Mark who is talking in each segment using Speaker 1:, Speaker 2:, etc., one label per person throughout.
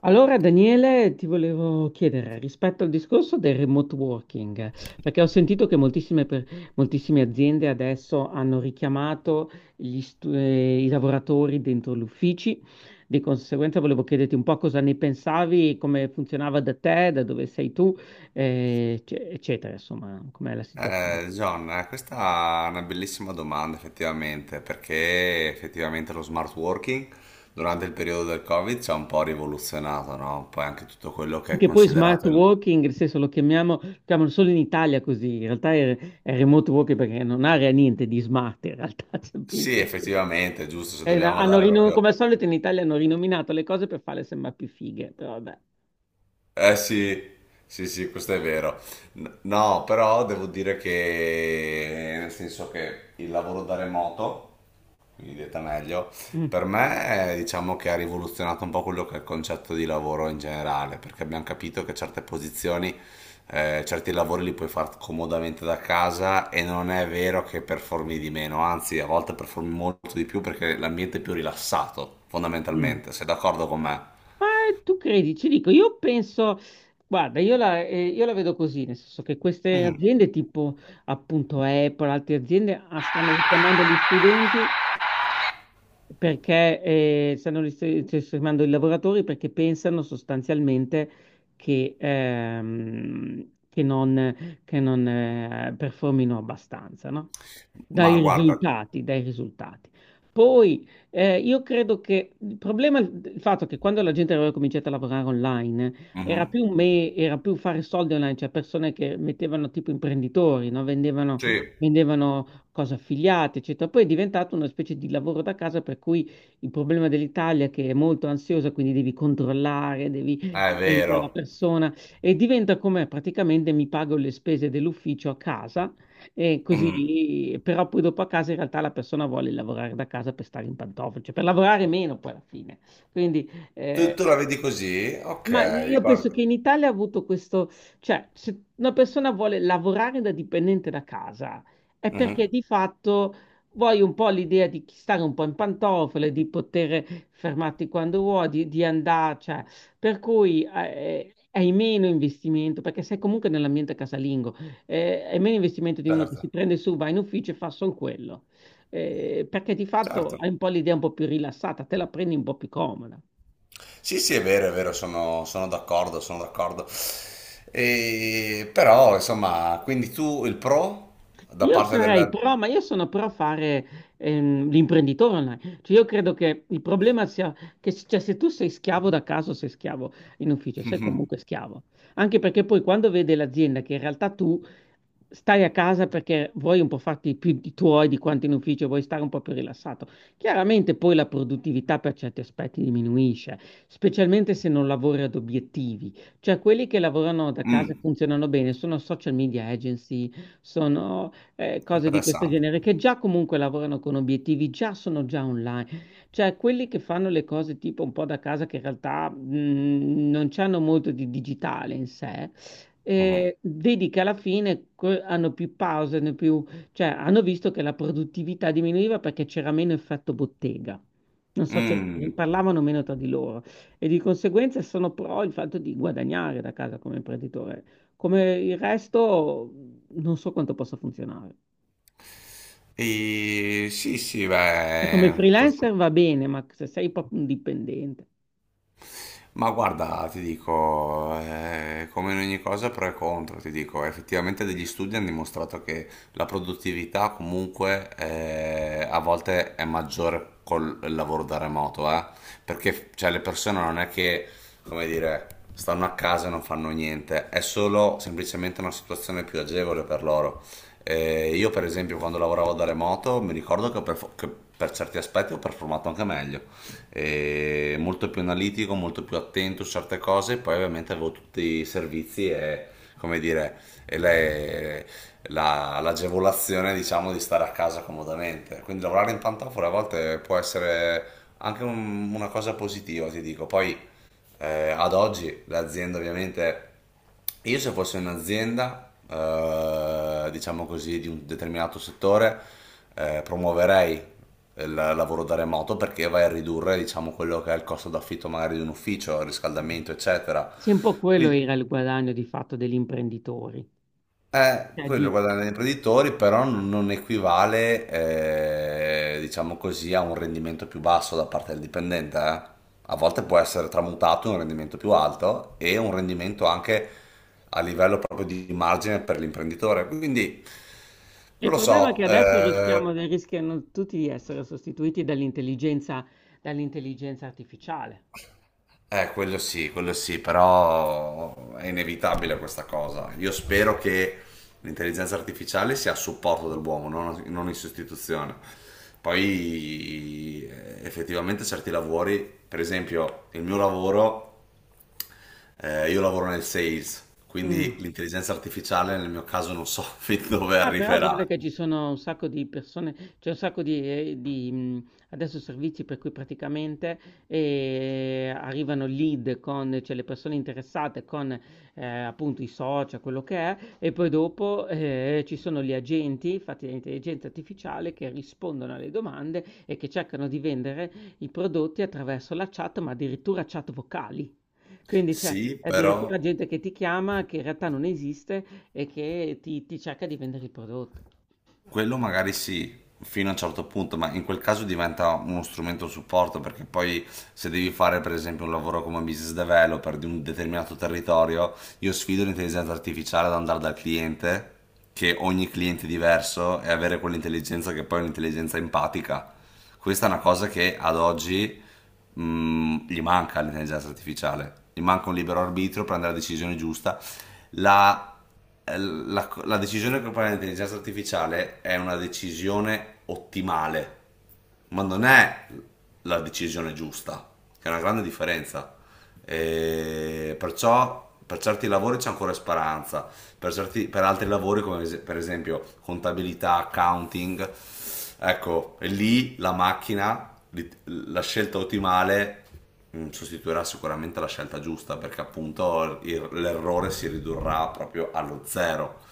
Speaker 1: Allora, Daniele, ti volevo chiedere rispetto al discorso del remote working, perché ho sentito che moltissime, moltissime aziende adesso hanno richiamato i lavoratori dentro gli uffici, di conseguenza volevo chiederti un po' cosa ne pensavi, come funzionava da te, da dove sei tu, eccetera, insomma, com'è la situazione.
Speaker 2: John, questa è una bellissima domanda effettivamente, perché effettivamente lo smart working durante il periodo del Covid ci ha un po' rivoluzionato, no? Poi anche tutto quello che
Speaker 1: Sì,
Speaker 2: è
Speaker 1: che poi smart
Speaker 2: considerato il.
Speaker 1: working, nel senso lo chiamiamo, lo chiamano solo in Italia così, in realtà è remote working perché non ha niente di smart, in realtà
Speaker 2: Sì,
Speaker 1: semplicemente.
Speaker 2: effettivamente, giusto, se
Speaker 1: È una-
Speaker 2: dobbiamo
Speaker 1: hanno
Speaker 2: dare
Speaker 1: rino- Come
Speaker 2: proprio.
Speaker 1: al solito in Italia hanno rinominato le cose per farle sembrare più fighe, però vabbè.
Speaker 2: Eh sì, sì, sì, questo è vero. No, però devo dire che, nel senso che il lavoro da remoto mi dite meglio.
Speaker 1: Mm,
Speaker 2: Per me, diciamo che ha rivoluzionato un po' quello che è il concetto di lavoro in generale, perché abbiamo capito che certe posizioni, certi lavori li puoi fare comodamente da casa e non è vero che performi di meno, anzi, a volte performi molto di più perché l'ambiente è più rilassato,
Speaker 1: mm.
Speaker 2: fondamentalmente. Sei d'accordo con me?
Speaker 1: Ma tu credi, ci dico, io penso, guarda, io la vedo così, nel senso che queste
Speaker 2: Mm,
Speaker 1: aziende tipo appunto Apple, altre aziende ah, stanno richiamando gli studenti, perché stanno risparmiando i lavoratori perché pensano sostanzialmente che non, performino abbastanza, no?
Speaker 2: ma
Speaker 1: Dai
Speaker 2: guarda.
Speaker 1: risultati, dai risultati. Poi io credo che il fatto che quando la gente aveva cominciato a lavorare online era
Speaker 2: Mhm.
Speaker 1: era più fare soldi online, cioè persone che mettevano tipo imprenditori, no? Vendevano,
Speaker 2: Sì,
Speaker 1: vendevano cose affiliate, eccetera. Poi è diventato una specie di lavoro da casa per cui il problema dell'Italia è che è molto ansiosa, quindi devi controllare, devi
Speaker 2: è
Speaker 1: sempre la
Speaker 2: vero.
Speaker 1: persona e diventa come praticamente mi pago le spese dell'ufficio a casa e
Speaker 2: Mm.
Speaker 1: così, però poi dopo a casa in realtà la persona vuole lavorare da casa per stare in pantofole, cioè per lavorare meno poi alla fine. Quindi
Speaker 2: Tu,
Speaker 1: eh,
Speaker 2: tu la vedi così?
Speaker 1: ma
Speaker 2: Ok,
Speaker 1: io penso
Speaker 2: guarda.
Speaker 1: che in Italia ha avuto questo, cioè se una persona vuole lavorare da dipendente da casa è perché
Speaker 2: Mhm.
Speaker 1: di fatto vuoi un po' l'idea di stare un po' in pantofole, di poter fermarti quando vuoi, di andare, cioè, per cui hai meno investimento, perché sei comunque nell'ambiente casalingo, hai meno investimento di uno che si
Speaker 2: Certo,
Speaker 1: prende su, va in ufficio e fa solo quello. Perché di fatto
Speaker 2: certo.
Speaker 1: hai un po' l'idea un po' più rilassata, te la prendi un po' più comoda.
Speaker 2: Sì, sì, è vero, sono d'accordo, sono d'accordo. E, però, insomma, quindi tu il pro da
Speaker 1: Io
Speaker 2: parte
Speaker 1: sarei
Speaker 2: della.
Speaker 1: pro, ma io sono pro fare l'imprenditore online. Cioè, io credo che il problema sia cioè, se tu sei schiavo da caso, sei schiavo in ufficio, sei comunque schiavo. Anche perché poi quando vede l'azienda che in realtà tu stai a casa perché vuoi un po' farti più di tuoi di quanto in ufficio, vuoi stare un po' più rilassato. Chiaramente poi la produttività per certi aspetti diminuisce, specialmente se non lavori ad obiettivi. Cioè quelli che lavorano da casa e
Speaker 2: Mm,
Speaker 1: funzionano bene sono social media agency, sono cose di questo
Speaker 2: interessante.
Speaker 1: genere, che già comunque lavorano con obiettivi, già sono già online. Cioè quelli che fanno le cose tipo un po' da casa, che in realtà, non c'hanno molto di digitale in sé,
Speaker 2: Mhm.
Speaker 1: vedi che alla fine que hanno più pause, hanno più cioè hanno visto che la produttività diminuiva perché c'era meno effetto bottega. Non so, cioè
Speaker 2: Mm.
Speaker 1: parlavano meno tra di loro e di conseguenza sono pro il fatto di guadagnare da casa come imprenditore. Come il resto, non so quanto possa funzionare.
Speaker 2: E, sì, sì,
Speaker 1: Cioè, come
Speaker 2: beh,
Speaker 1: freelancer va bene, ma se sei proprio un dipendente,
Speaker 2: ma guarda, ti dico, come in ogni cosa pro e contro, ti dico, effettivamente degli studi hanno dimostrato che la produttività comunque a volte è maggiore col lavoro da remoto, perché cioè, le persone non è che, come dire, stanno a casa e non fanno niente, è solo semplicemente una situazione più agevole per loro. Io per esempio quando lavoravo da remoto mi ricordo che per certi aspetti ho performato anche meglio, molto più analitico, molto più attento su certe cose. Poi ovviamente avevo tutti i servizi e, come dire, e l'agevolazione diciamo di stare a casa comodamente. Quindi lavorare in pantofole a volte può essere anche una cosa positiva, ti dico. Poi ad oggi l'azienda ovviamente, io se fossi un'azienda, diciamo così, di un determinato settore, promuoverei il lavoro da remoto perché vai a ridurre, diciamo, quello che è il costo d'affitto magari di un ufficio, il
Speaker 1: mm.
Speaker 2: riscaldamento, eccetera.
Speaker 1: Sì, un po' quello era
Speaker 2: Quindi,
Speaker 1: il guadagno di fatto degli imprenditori. Cioè,
Speaker 2: quello
Speaker 1: di-
Speaker 2: guadagna gli imprenditori, però non equivale, diciamo così, a un rendimento più basso da parte del dipendente. A volte può essere tramutato in un rendimento più alto e un rendimento anche a livello proprio di margine per l'imprenditore. Quindi
Speaker 1: Il
Speaker 2: non lo
Speaker 1: problema è
Speaker 2: so,
Speaker 1: che adesso
Speaker 2: eh,
Speaker 1: rischiamo, rischiano tutti di essere sostituiti dall'intelligenza artificiale.
Speaker 2: Eh, Quello sì, quello sì, però è inevitabile questa cosa. Io spero che l'intelligenza artificiale sia a supporto dell'uomo, non in sostituzione. Poi effettivamente certi lavori, per esempio il mio lavoro, io lavoro nel sales, quindi
Speaker 1: Mm.
Speaker 2: l'intelligenza artificiale nel mio caso non so fin dove
Speaker 1: Ah, però guarda
Speaker 2: arriverà.
Speaker 1: che ci sono un sacco di persone, c'è un sacco adesso servizi per cui praticamente arrivano lead con, cioè le persone interessate con appunto i social, quello che è, e poi dopo ci sono gli agenti fatti da intelligenza artificiale che rispondono alle domande e che cercano di vendere i prodotti attraverso la chat, ma addirittura chat vocali. Quindi c'è
Speaker 2: Sì, però.
Speaker 1: addirittura gente che ti chiama che in realtà non esiste e che ti cerca di vendere il prodotto.
Speaker 2: Quello magari sì, fino a un certo punto, ma in quel caso diventa uno strumento supporto perché poi se devi fare per esempio un lavoro come business developer di un determinato territorio, io sfido l'intelligenza artificiale ad andare dal cliente, che ogni cliente è diverso, e avere quell'intelligenza che poi è un'intelligenza empatica. Questa è una cosa che ad oggi gli manca all'intelligenza artificiale, gli manca un libero arbitrio, prendere la decisione giusta. La la decisione che prende l'intelligenza artificiale è una decisione ottimale, ma non è la decisione giusta, che è una grande differenza. E perciò per certi lavori c'è ancora speranza, per altri lavori come per esempio contabilità, accounting, ecco. E lì la macchina, la scelta ottimale sostituirà sicuramente la scelta giusta, perché appunto l'errore si ridurrà proprio allo zero.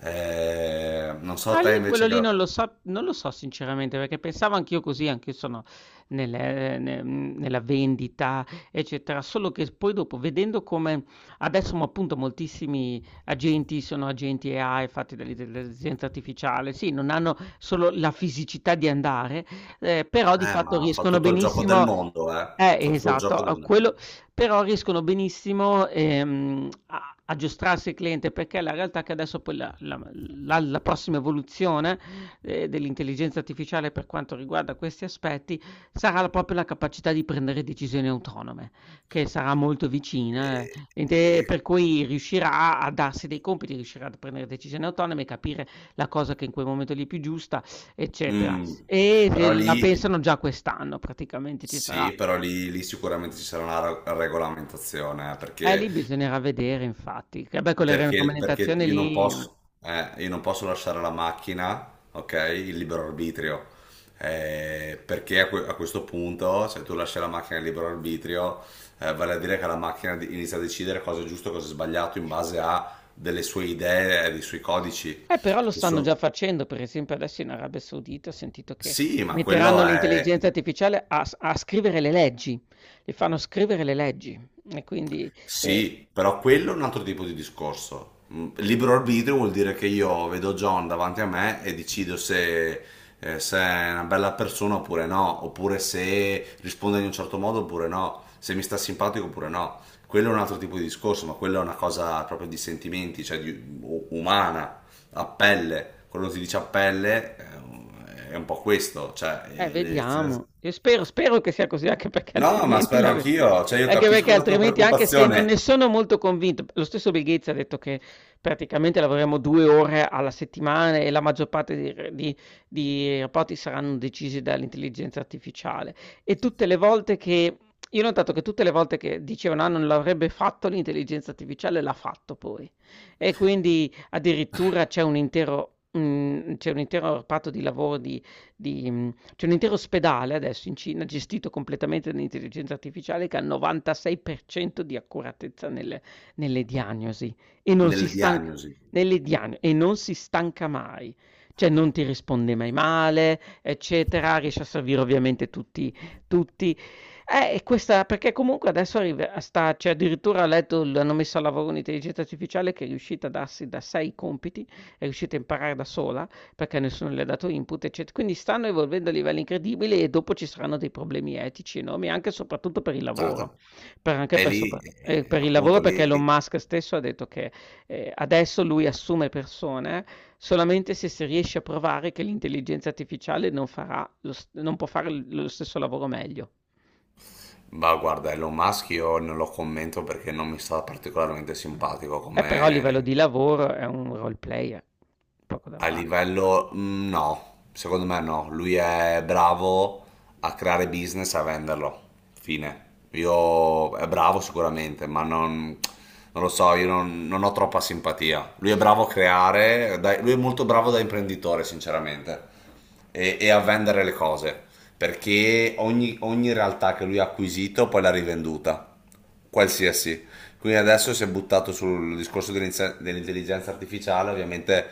Speaker 2: Non so
Speaker 1: Ah, lì
Speaker 2: te
Speaker 1: quello
Speaker 2: invece che...
Speaker 1: lì
Speaker 2: la-
Speaker 1: non lo so, non lo so sinceramente, perché pensavo anch'io così, anch'io sono nella vendita, eccetera, solo che poi dopo, vedendo come adesso mo, appunto moltissimi agenti sono agenti AI fatti dall'intelligenza artificiale, sì, non hanno solo la fisicità di andare, però di fatto
Speaker 2: Ma fa
Speaker 1: riescono
Speaker 2: tutto il gioco del
Speaker 1: benissimo...
Speaker 2: mondo, eh. Fa tutto il
Speaker 1: Esatto,
Speaker 2: gioco del mondo.
Speaker 1: quello, però riescono benissimo a aggiustarsi il cliente perché la realtà è che adesso poi la prossima evoluzione dell'intelligenza artificiale per quanto riguarda questi aspetti sarà proprio la capacità di prendere decisioni autonome, che sarà molto vicina,
Speaker 2: E- e-
Speaker 1: per cui riuscirà a darsi dei compiti, riuscirà a prendere decisioni autonome, capire la cosa che in quel momento lì è più giusta, eccetera.
Speaker 2: mm.
Speaker 1: E
Speaker 2: Però
Speaker 1: la
Speaker 2: lì,
Speaker 1: pensano già quest'anno, praticamente ci sarà.
Speaker 2: sì, però lì sicuramente ci sarà una regolamentazione, perché
Speaker 1: Lì bisognerà vedere, infatti. Che beh, con le
Speaker 2: perché
Speaker 1: raccomandazioni lì.
Speaker 2: io non posso lasciare alla macchina, ok, il libero arbitrio. Perché a questo punto, se tu lasci la macchina il libero arbitrio, vale a dire che la macchina inizia a decidere cosa è giusto e cosa è sbagliato in base a delle sue idee e dei suoi codici,
Speaker 1: Però lo
Speaker 2: che
Speaker 1: stanno
Speaker 2: sono.
Speaker 1: già facendo, per esempio adesso in Arabia Saudita ho sentito che
Speaker 2: Sì, ma
Speaker 1: metteranno
Speaker 2: quello è.
Speaker 1: l'intelligenza artificiale a scrivere le leggi, le fanno scrivere le leggi e quindi, ehm
Speaker 2: Sì, però quello è un altro tipo di discorso. Libero arbitrio vuol dire che io vedo John davanti a me e decido se, se è una bella persona oppure no, oppure se risponde in un certo modo oppure no, se mi sta simpatico oppure no. Quello è un altro tipo di discorso, ma quella è una cosa proprio di sentimenti, cioè umana, a pelle. Quando si dice a pelle, è un po' questo, cioè... eh, nel senso-
Speaker 1: Vediamo. Io spero spero che sia così, anche perché
Speaker 2: No, ma
Speaker 1: altrimenti
Speaker 2: spero
Speaker 1: la ve
Speaker 2: anch'io, cioè io
Speaker 1: anche
Speaker 2: capisco
Speaker 1: perché
Speaker 2: la tua
Speaker 1: altrimenti, anche se non ne
Speaker 2: preoccupazione.
Speaker 1: sono molto convinto lo stesso Bill Gates ha detto che praticamente lavoreremo 2 ore alla settimana e la maggior parte di r di rapporti saranno decisi dall'intelligenza artificiale. E tutte le volte che io ho notato che tutte le volte che dicevano: "Ah, non l'avrebbe fatto l'intelligenza artificiale", l'ha fatto poi. E quindi addirittura c'è un intero reparto di lavoro c'è un intero ospedale adesso in Cina gestito completamente dall'intelligenza artificiale che ha il 96% di accuratezza nelle diagnosi e non si
Speaker 2: Nelle
Speaker 1: stanca
Speaker 2: diagnosi.
Speaker 1: nelle diagno e non si stanca mai. Cioè non ti risponde mai male, eccetera, riesce a servire ovviamente tutti tutti e questa perché comunque adesso arrive a sta cioè addirittura ho letto l hanno messo a lavoro un'intelligenza artificiale che è riuscita a darsi da sé i compiti, è riuscita a imparare da sola, perché nessuno le ha dato input, ecce quindi stanno evolvendo a livelli incredibili e dopo ci saranno dei problemi etici enormi, anche e soprattutto per il lavoro,
Speaker 2: Certo, e lì,
Speaker 1: per il lavoro
Speaker 2: appunto,
Speaker 1: perché
Speaker 2: lì,
Speaker 1: Elon Musk stesso ha detto che, adesso lui assume persone solamente se si riesce a provare che l'intelligenza artificiale non può fare l lo stesso lavoro meglio.
Speaker 2: ma guarda, Elon Musk io non lo commento perché non mi sta particolarmente
Speaker 1: Mh.
Speaker 2: simpatico
Speaker 1: Però a livello
Speaker 2: come.
Speaker 1: di lavoro è un role player, poco da
Speaker 2: A
Speaker 1: fare.
Speaker 2: livello, no, secondo me no. Lui è bravo a creare business e a venderlo. Fine. Io è bravo sicuramente, ma non, non lo so, io non ho troppa simpatia. Lui è bravo a lui è molto bravo da imprenditore, sinceramente, e a vendere le cose, perché ogni realtà che lui ha acquisito poi l'ha rivenduta qualsiasi. Quindi adesso si è buttato sul discorso dell'intelligenza artificiale, ovviamente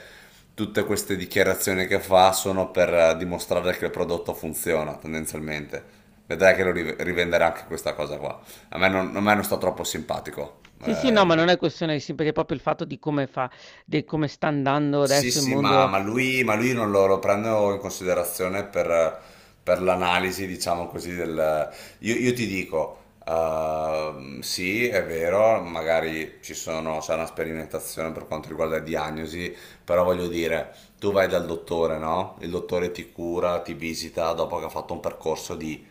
Speaker 2: tutte queste dichiarazioni che fa sono per dimostrare che il prodotto funziona tendenzialmente. Vedrai che lo rivenderà anche questa cosa qua. A me non sta troppo simpatico
Speaker 1: Sì, sì, no, ma
Speaker 2: lui.
Speaker 1: non è questione di sì, perché è proprio il fatto di come sta andando
Speaker 2: Sì,
Speaker 1: adesso il
Speaker 2: sì, ma,
Speaker 1: mondo.
Speaker 2: ma lui, ma lui non lo prendo in considerazione per l'analisi, diciamo così, del. Io ti dico, sì, è vero, magari c'è una sperimentazione per quanto riguarda le diagnosi, però voglio dire, tu vai dal dottore, no? Il dottore ti cura, ti visita dopo che ha fatto un percorso di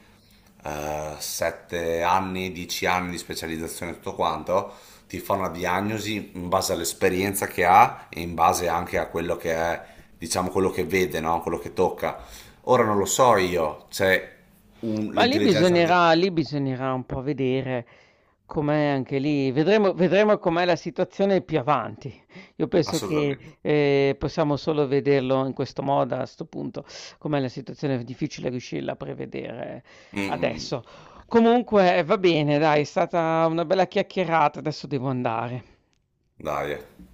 Speaker 2: 7 anni, 10 anni di specializzazione e tutto quanto ti fa una diagnosi in base all'esperienza che ha e in base anche a quello che è, diciamo, quello che vede, no? Quello che tocca. Ora non lo so io, c'è l'intelligenza artificiale.
Speaker 1: Lì bisognerà un po' vedere com'è anche lì, vedremo, vedremo com'è la situazione più avanti. Io penso che
Speaker 2: Assolutamente.
Speaker 1: possiamo solo vederlo in questo modo a questo punto, com'è la situazione è difficile riuscirla a prevedere
Speaker 2: Mm, mm. Mm.
Speaker 1: adesso. Comunque va bene, dai, è stata una bella chiacchierata, adesso devo andare.
Speaker 2: Dai.